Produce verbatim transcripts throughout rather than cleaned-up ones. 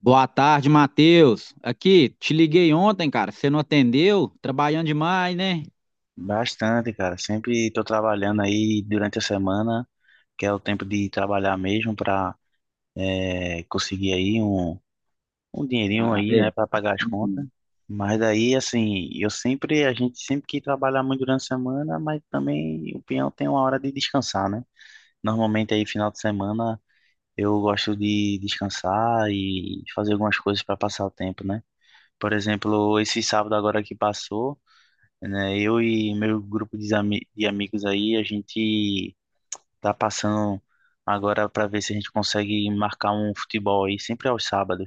Boa tarde, Matheus. Aqui, te liguei ontem, cara. Você não atendeu? Trabalhando demais, né? Bastante, cara. Sempre estou trabalhando aí durante a semana, que é o tempo de trabalhar mesmo para conseguir aí um, um dinheirinho Ah, aí, é. né, para pagar as contas. Uhum. Mas aí, assim, eu sempre, a gente sempre que trabalhar muito durante a semana, mas também o peão tem uma hora de descansar, né? Normalmente aí final de semana eu gosto de descansar e fazer algumas coisas para passar o tempo, né? Por exemplo, esse sábado agora que passou, né? Eu e meu grupo de, ami- de amigos aí, a gente tá passando agora para ver se a gente consegue marcar um futebol aí, sempre aos sábados,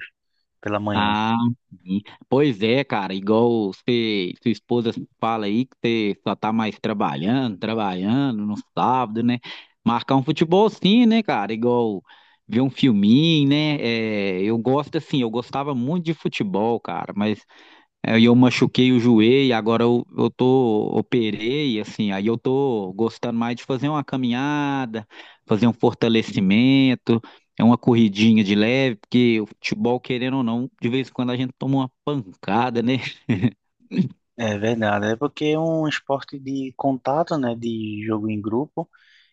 pela manhã. Ah, sim. Pois é, cara. Igual você, sua esposa fala aí que você só tá mais trabalhando, trabalhando no sábado, né? Marcar um futebol sim, né, cara? Igual ver um filminho, né? É, eu gosto assim, eu gostava muito de futebol, cara, mas aí eu machuquei o joelho, agora eu, eu tô, operei, assim, aí eu tô gostando mais de fazer uma caminhada, fazer um fortalecimento, é uma corridinha de leve, porque o futebol, querendo ou não, de vez em quando a gente toma uma pancada, né? É verdade, é porque é um esporte de contato, né, de jogo em grupo,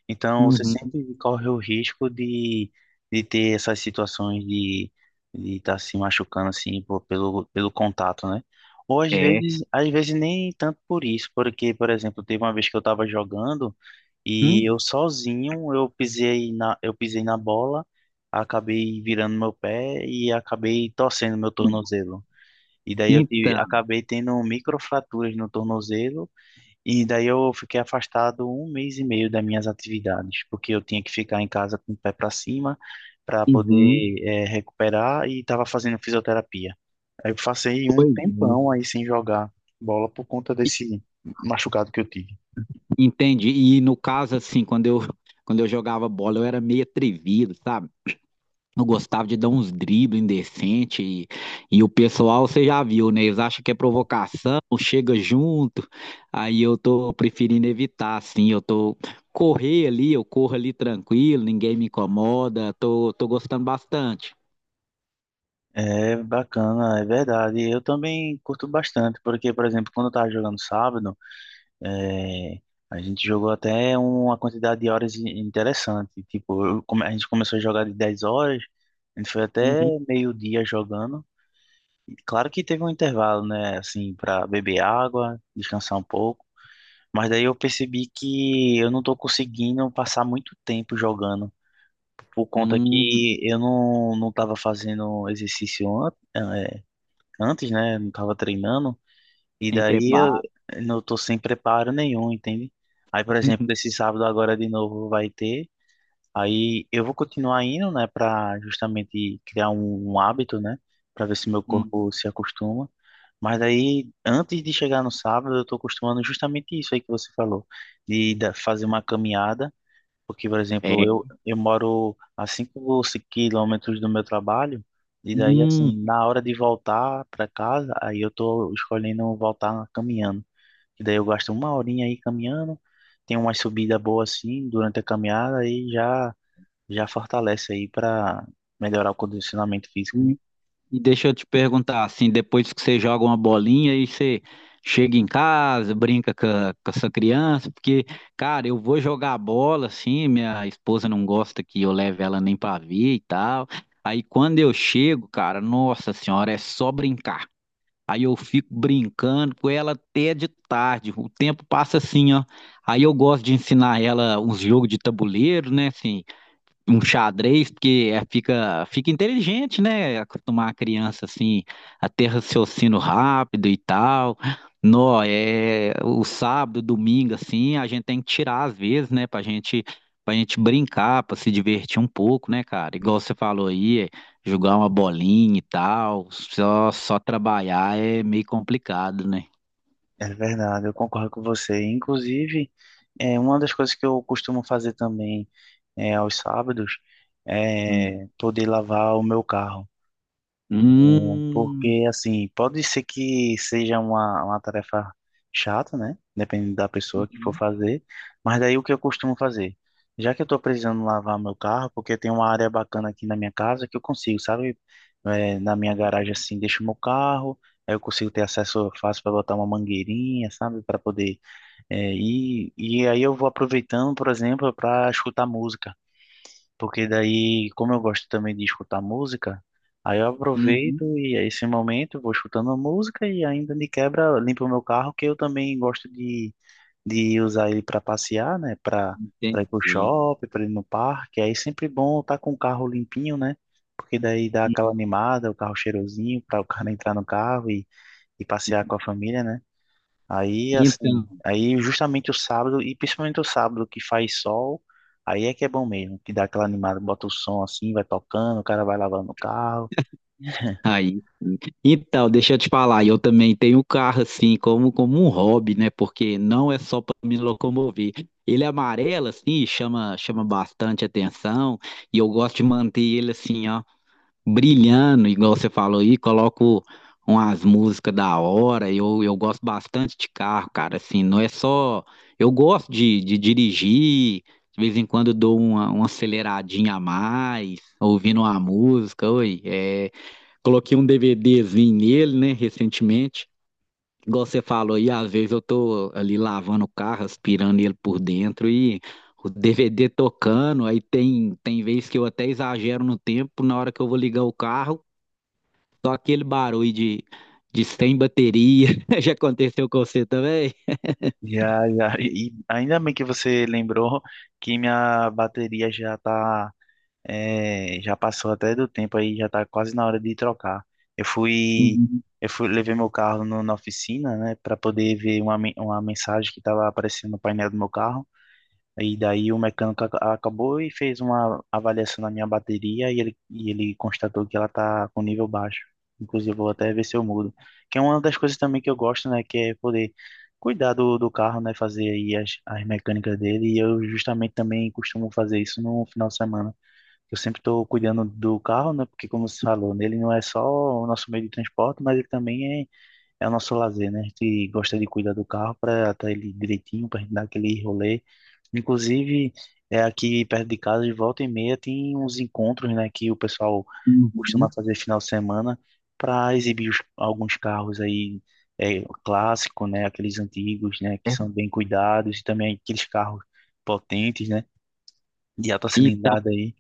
então você Uhum. sempre corre o risco de, de ter essas situações de de estar se machucando assim por- pelo pelo contato, né? Ou às É. vezes, às vezes nem tanto por isso, porque, por exemplo, teve uma vez que eu estava jogando. Hum? E eu sozinho, eu pisei na, eu pisei na bola, acabei virando meu pé e acabei torcendo meu tornozelo. E daí eu tive- Então, acabei tendo microfraturas no tornozelo, e daí eu fiquei afastado um mês e meio das minhas atividades, porque eu tinha que ficar em casa com o pé para cima para poder, uhum. eh, recuperar e estava fazendo fisioterapia. Aí eu passei um Pois é. tempão aí sem jogar bola por conta desse machucado que eu tive. Entendi. E no caso, assim, quando eu, quando eu jogava bola, eu era meio atrevido, sabe? Eu gostava de dar uns dribles indecentes e, e o pessoal, você já viu, né? Eles acham que é provocação, chega junto. Aí eu tô preferindo evitar, assim. Eu tô correr ali, eu corro ali tranquilo, ninguém me incomoda. Tô, tô gostando bastante. É bacana, é verdade. Eu também curto bastante, porque, por exemplo, quando eu estava jogando sábado, é, a gente jogou até uma quantidade de horas in- interessante. Tipo, eu come- a gente começou a jogar de dez horas, a gente foi até Uhum. meio-dia jogando. E claro que teve um intervalo, né, assim, para beber água, descansar um pouco. Mas daí eu percebi que eu não estou conseguindo passar muito tempo jogando, por conta Hum, que eu não, não estava fazendo exercício antes. antes, né? Não tava treinando. E sem daí preparo. eu não tô sem preparo nenhum, entende? Aí, por exemplo, esse sábado agora de novo vai ter. Aí eu vou continuar indo, né, pra justamente criar um, um hábito, né? Pra ver se meu Hum, corpo se acostuma. Mas aí, antes de chegar no sábado, eu tô acostumando justamente isso aí que você falou. De da- fazer uma caminhada. Porque, por exemplo, é. eu, eu moro a cinco ou seis quilômetros do meu trabalho, e daí, assim, Hum. na hora de voltar para casa, aí eu tô escolhendo voltar caminhando. E daí eu gasto uma horinha aí caminhando, tem uma subida boa assim durante a caminhada e já, já fortalece aí para melhorar o condicionamento físico, né? Hum. E deixa eu te perguntar, assim, depois que você joga uma bolinha e você chega em casa, brinca com a, com a sua criança, porque, cara, eu vou jogar bola, assim, minha esposa não gosta que eu leve ela nem pra ver e tal. Aí quando eu chego, cara, nossa senhora, é só brincar. Aí eu fico brincando com ela até de tarde, o tempo passa assim, ó. Aí eu gosto de ensinar ela uns jogos de tabuleiro, né, assim, um xadrez, porque é- fica, fica inteligente, né? Acostumar a criança assim a ter raciocínio rápido e tal. Nó, é o sábado, domingo, assim, a gente tem que tirar às vezes, né? Pra gente, pra gente brincar, pra se divertir um pouco, né, cara? Igual você falou aí, é, jogar uma bolinha e tal. Só, só trabalhar é meio complicado, né? É verdade, eu concordo com você. Inclusive, é uma das coisas que eu costumo fazer também é, aos sábados, Hum. é poder lavar o meu carro. Hum. Porque, assim, pode ser que seja uma, uma tarefa chata, né, dependendo da pessoa que for Uhum. fazer. Mas daí o que eu costumo fazer? Já que eu tô precisando lavar meu carro, porque tem uma área bacana aqui na minha casa que eu consigo, sabe? É, na minha garagem, assim, deixo meu carro, aí eu consigo ter acesso fácil para botar uma mangueirinha, sabe, para poder. É, e, e aí eu vou aproveitando, por exemplo, para escutar música. Porque daí, como eu gosto também de escutar música, aí eu aproveito Uhum. e é esse momento vou escutando a música e ainda de quebra limpo o meu carro, que eu também gosto de, de usar ele para passear, né? Para para ir pro Entendi. shopping, para ir no parque. Aí é sempre bom estar com o carro limpinho, né? Porque daí dá aquela animada, o carro cheirosinho, para o cara entrar no carro e, e passear com a família, né? Aí, assim, Então. aí justamente o sábado, e principalmente o sábado que faz sol, aí é que é bom mesmo, que dá aquela animada, bota o som assim, vai tocando, o cara vai lavando o carro. Aí, sim. Então, deixa eu te falar, eu também tenho um carro assim, como, como um hobby, né? Porque não é só para me locomover. Ele é amarelo, assim, chama, chama bastante atenção, e eu gosto de manter ele assim, ó, brilhando, igual você falou aí, coloco umas músicas da hora, eu, eu gosto bastante de carro, cara, assim, não é só. Eu gosto de, de dirigir, de vez em quando eu dou uma, uma aceleradinha a mais, ouvindo uma música, oi, é. Coloquei um DVDzinho nele, né, recentemente. Igual você falou aí, às vezes eu tô ali lavando o carro, aspirando ele por dentro e o D V D tocando. Aí tem, tem vezes que eu até exagero no tempo, na hora que eu vou ligar o carro, só aquele barulho de, de sem bateria. Já aconteceu com você também? Já, já, e e ainda bem que você lembrou que minha bateria já tá, é, já passou até do tempo aí, já tá quase na hora de trocar. Eu fui, Uhum. eu fui, levei meu carro no, na oficina, né, para poder ver uma, men- uma mensagem que tava aparecendo no painel do meu carro. E daí o mecânico ac- acabou e fez uma avaliação na minha bateria e ele, e ele constatou que ela tá com nível baixo. Inclusive, eu vou até ver se eu mudo, que é uma das coisas também que eu gosto, né, que é poder cuidar do, do carro, né? Fazer aí as, as mecânicas dele. E eu justamente também costumo fazer isso no final de semana. Eu sempre estou cuidando do carro, né? Porque como você falou, ele não é só o nosso meio de transporte, mas ele também é é o nosso lazer, né? A gente gosta de cuidar do carro para estar ele direitinho, para gente dar aquele rolê. Inclusive, é aqui perto de casa, de volta e meia, tem uns encontros, né, que o pessoal costuma Uhum. fazer final de semana para exibir os- alguns carros aí, é, clássicos, né, aqueles antigos, né, que são bem cuidados e também aqueles carros potentes, né, de alta Então, cilindrada aí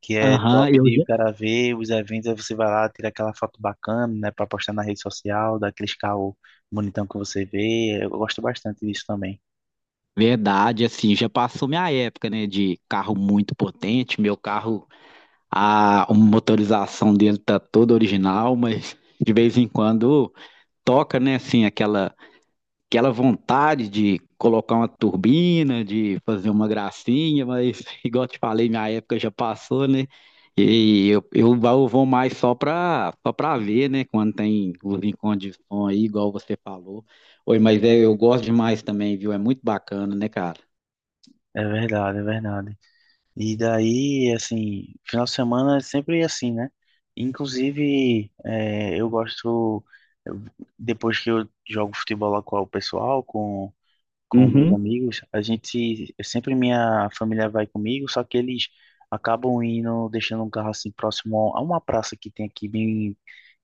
que é aham, top eu de já. o cara ver os eventos, aí você vai lá, tira aquela foto bacana, né, para postar na rede social, dá aqueles caô bonitão que você vê. Eu gosto bastante disso também. Verdade, assim, já passou minha época, né, de carro muito potente. Meu carro, a motorização dele tá toda original, mas de vez em quando toca, né, assim, aquela, aquela vontade de colocar uma turbina, de fazer uma gracinha, mas igual eu te falei, minha época já passou, né? E eu, eu eu vou mais só para só para ver, né? Quando tem os encontros de som aí, igual você falou. Oi, mas é, eu gosto demais também, viu? É muito bacana, né, cara? É verdade, é verdade. E daí, assim, final de semana é sempre assim, né? Inclusive, é, eu gosto, eu- depois que eu jogo futebol lá com o pessoal, com com meus Uhum. amigos, a gente sempre minha família vai comigo, só que eles acabam indo, deixando um carro assim próximo a uma praça que tem aqui bem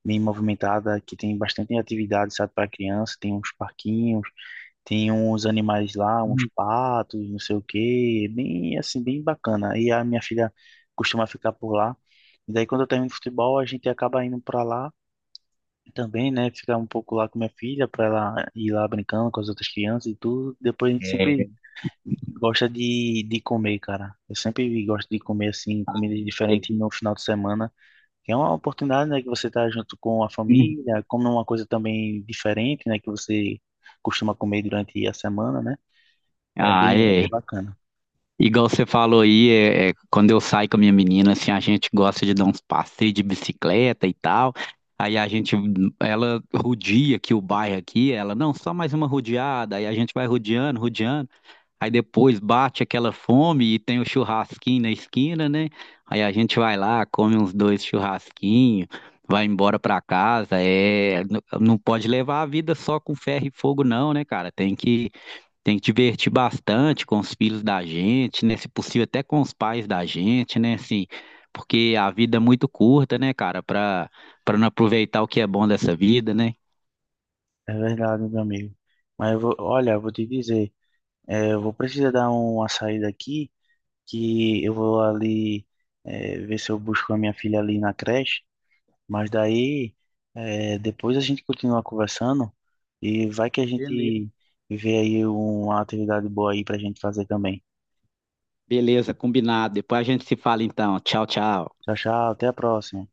bem movimentada, que tem bastante atividade, sabe, para criança, tem uns parquinhos, tem uns animais lá, uns patos, não sei o quê, bem assim, bem bacana. E a minha filha costuma ficar por lá. E daí quando eu termino futebol, a gente acaba indo para lá também, né, ficar um pouco lá com minha filha, para ela ir lá brincando com as outras crianças e tudo. Depois a gente É. sempre gosta de, de comer, cara. Eu sempre gosto de comer, assim, comidas diferentes no final de semana, que é uma oportunidade, né, que você tá junto com a Uhum. família, come uma coisa também diferente, né, que você costuma comer durante a semana, né? É Ah, bem, é é. bem bacana. Igual você falou aí, é, é, quando eu saio com a minha menina, assim, a gente gosta de dar uns passeios de bicicleta e tal. Aí a gente, ela rodia aqui o bairro aqui, ela, não, só mais uma rodeada. Aí a gente vai rodeando, rodeando. Aí depois bate aquela fome e tem o churrasquinho na esquina, né? Aí a gente vai lá, come uns dois churrasquinhos, vai embora pra casa. É, n- não pode levar a vida só com ferro e fogo, não, né, cara? Tem que tem que divertir bastante com os filhos da gente, né? Se possível, até com os pais da gente, né? Assim, porque a vida é muito curta, né, cara? Para para não aproveitar o que é bom dessa vida, né? É verdade, meu amigo. Mas eu vou, olha, eu vou te dizer, é, eu vou precisar dar uma saída aqui, que eu vou ali, é, ver se eu busco a minha filha ali na creche. Mas daí, eh, depois a gente continua conversando e vai que a Beleza. gente vê aí uma atividade boa aí pra gente fazer também. Beleza, combinado. Depois a gente se fala então. Tchau, tchau. Tchau, tchau, até a próxima.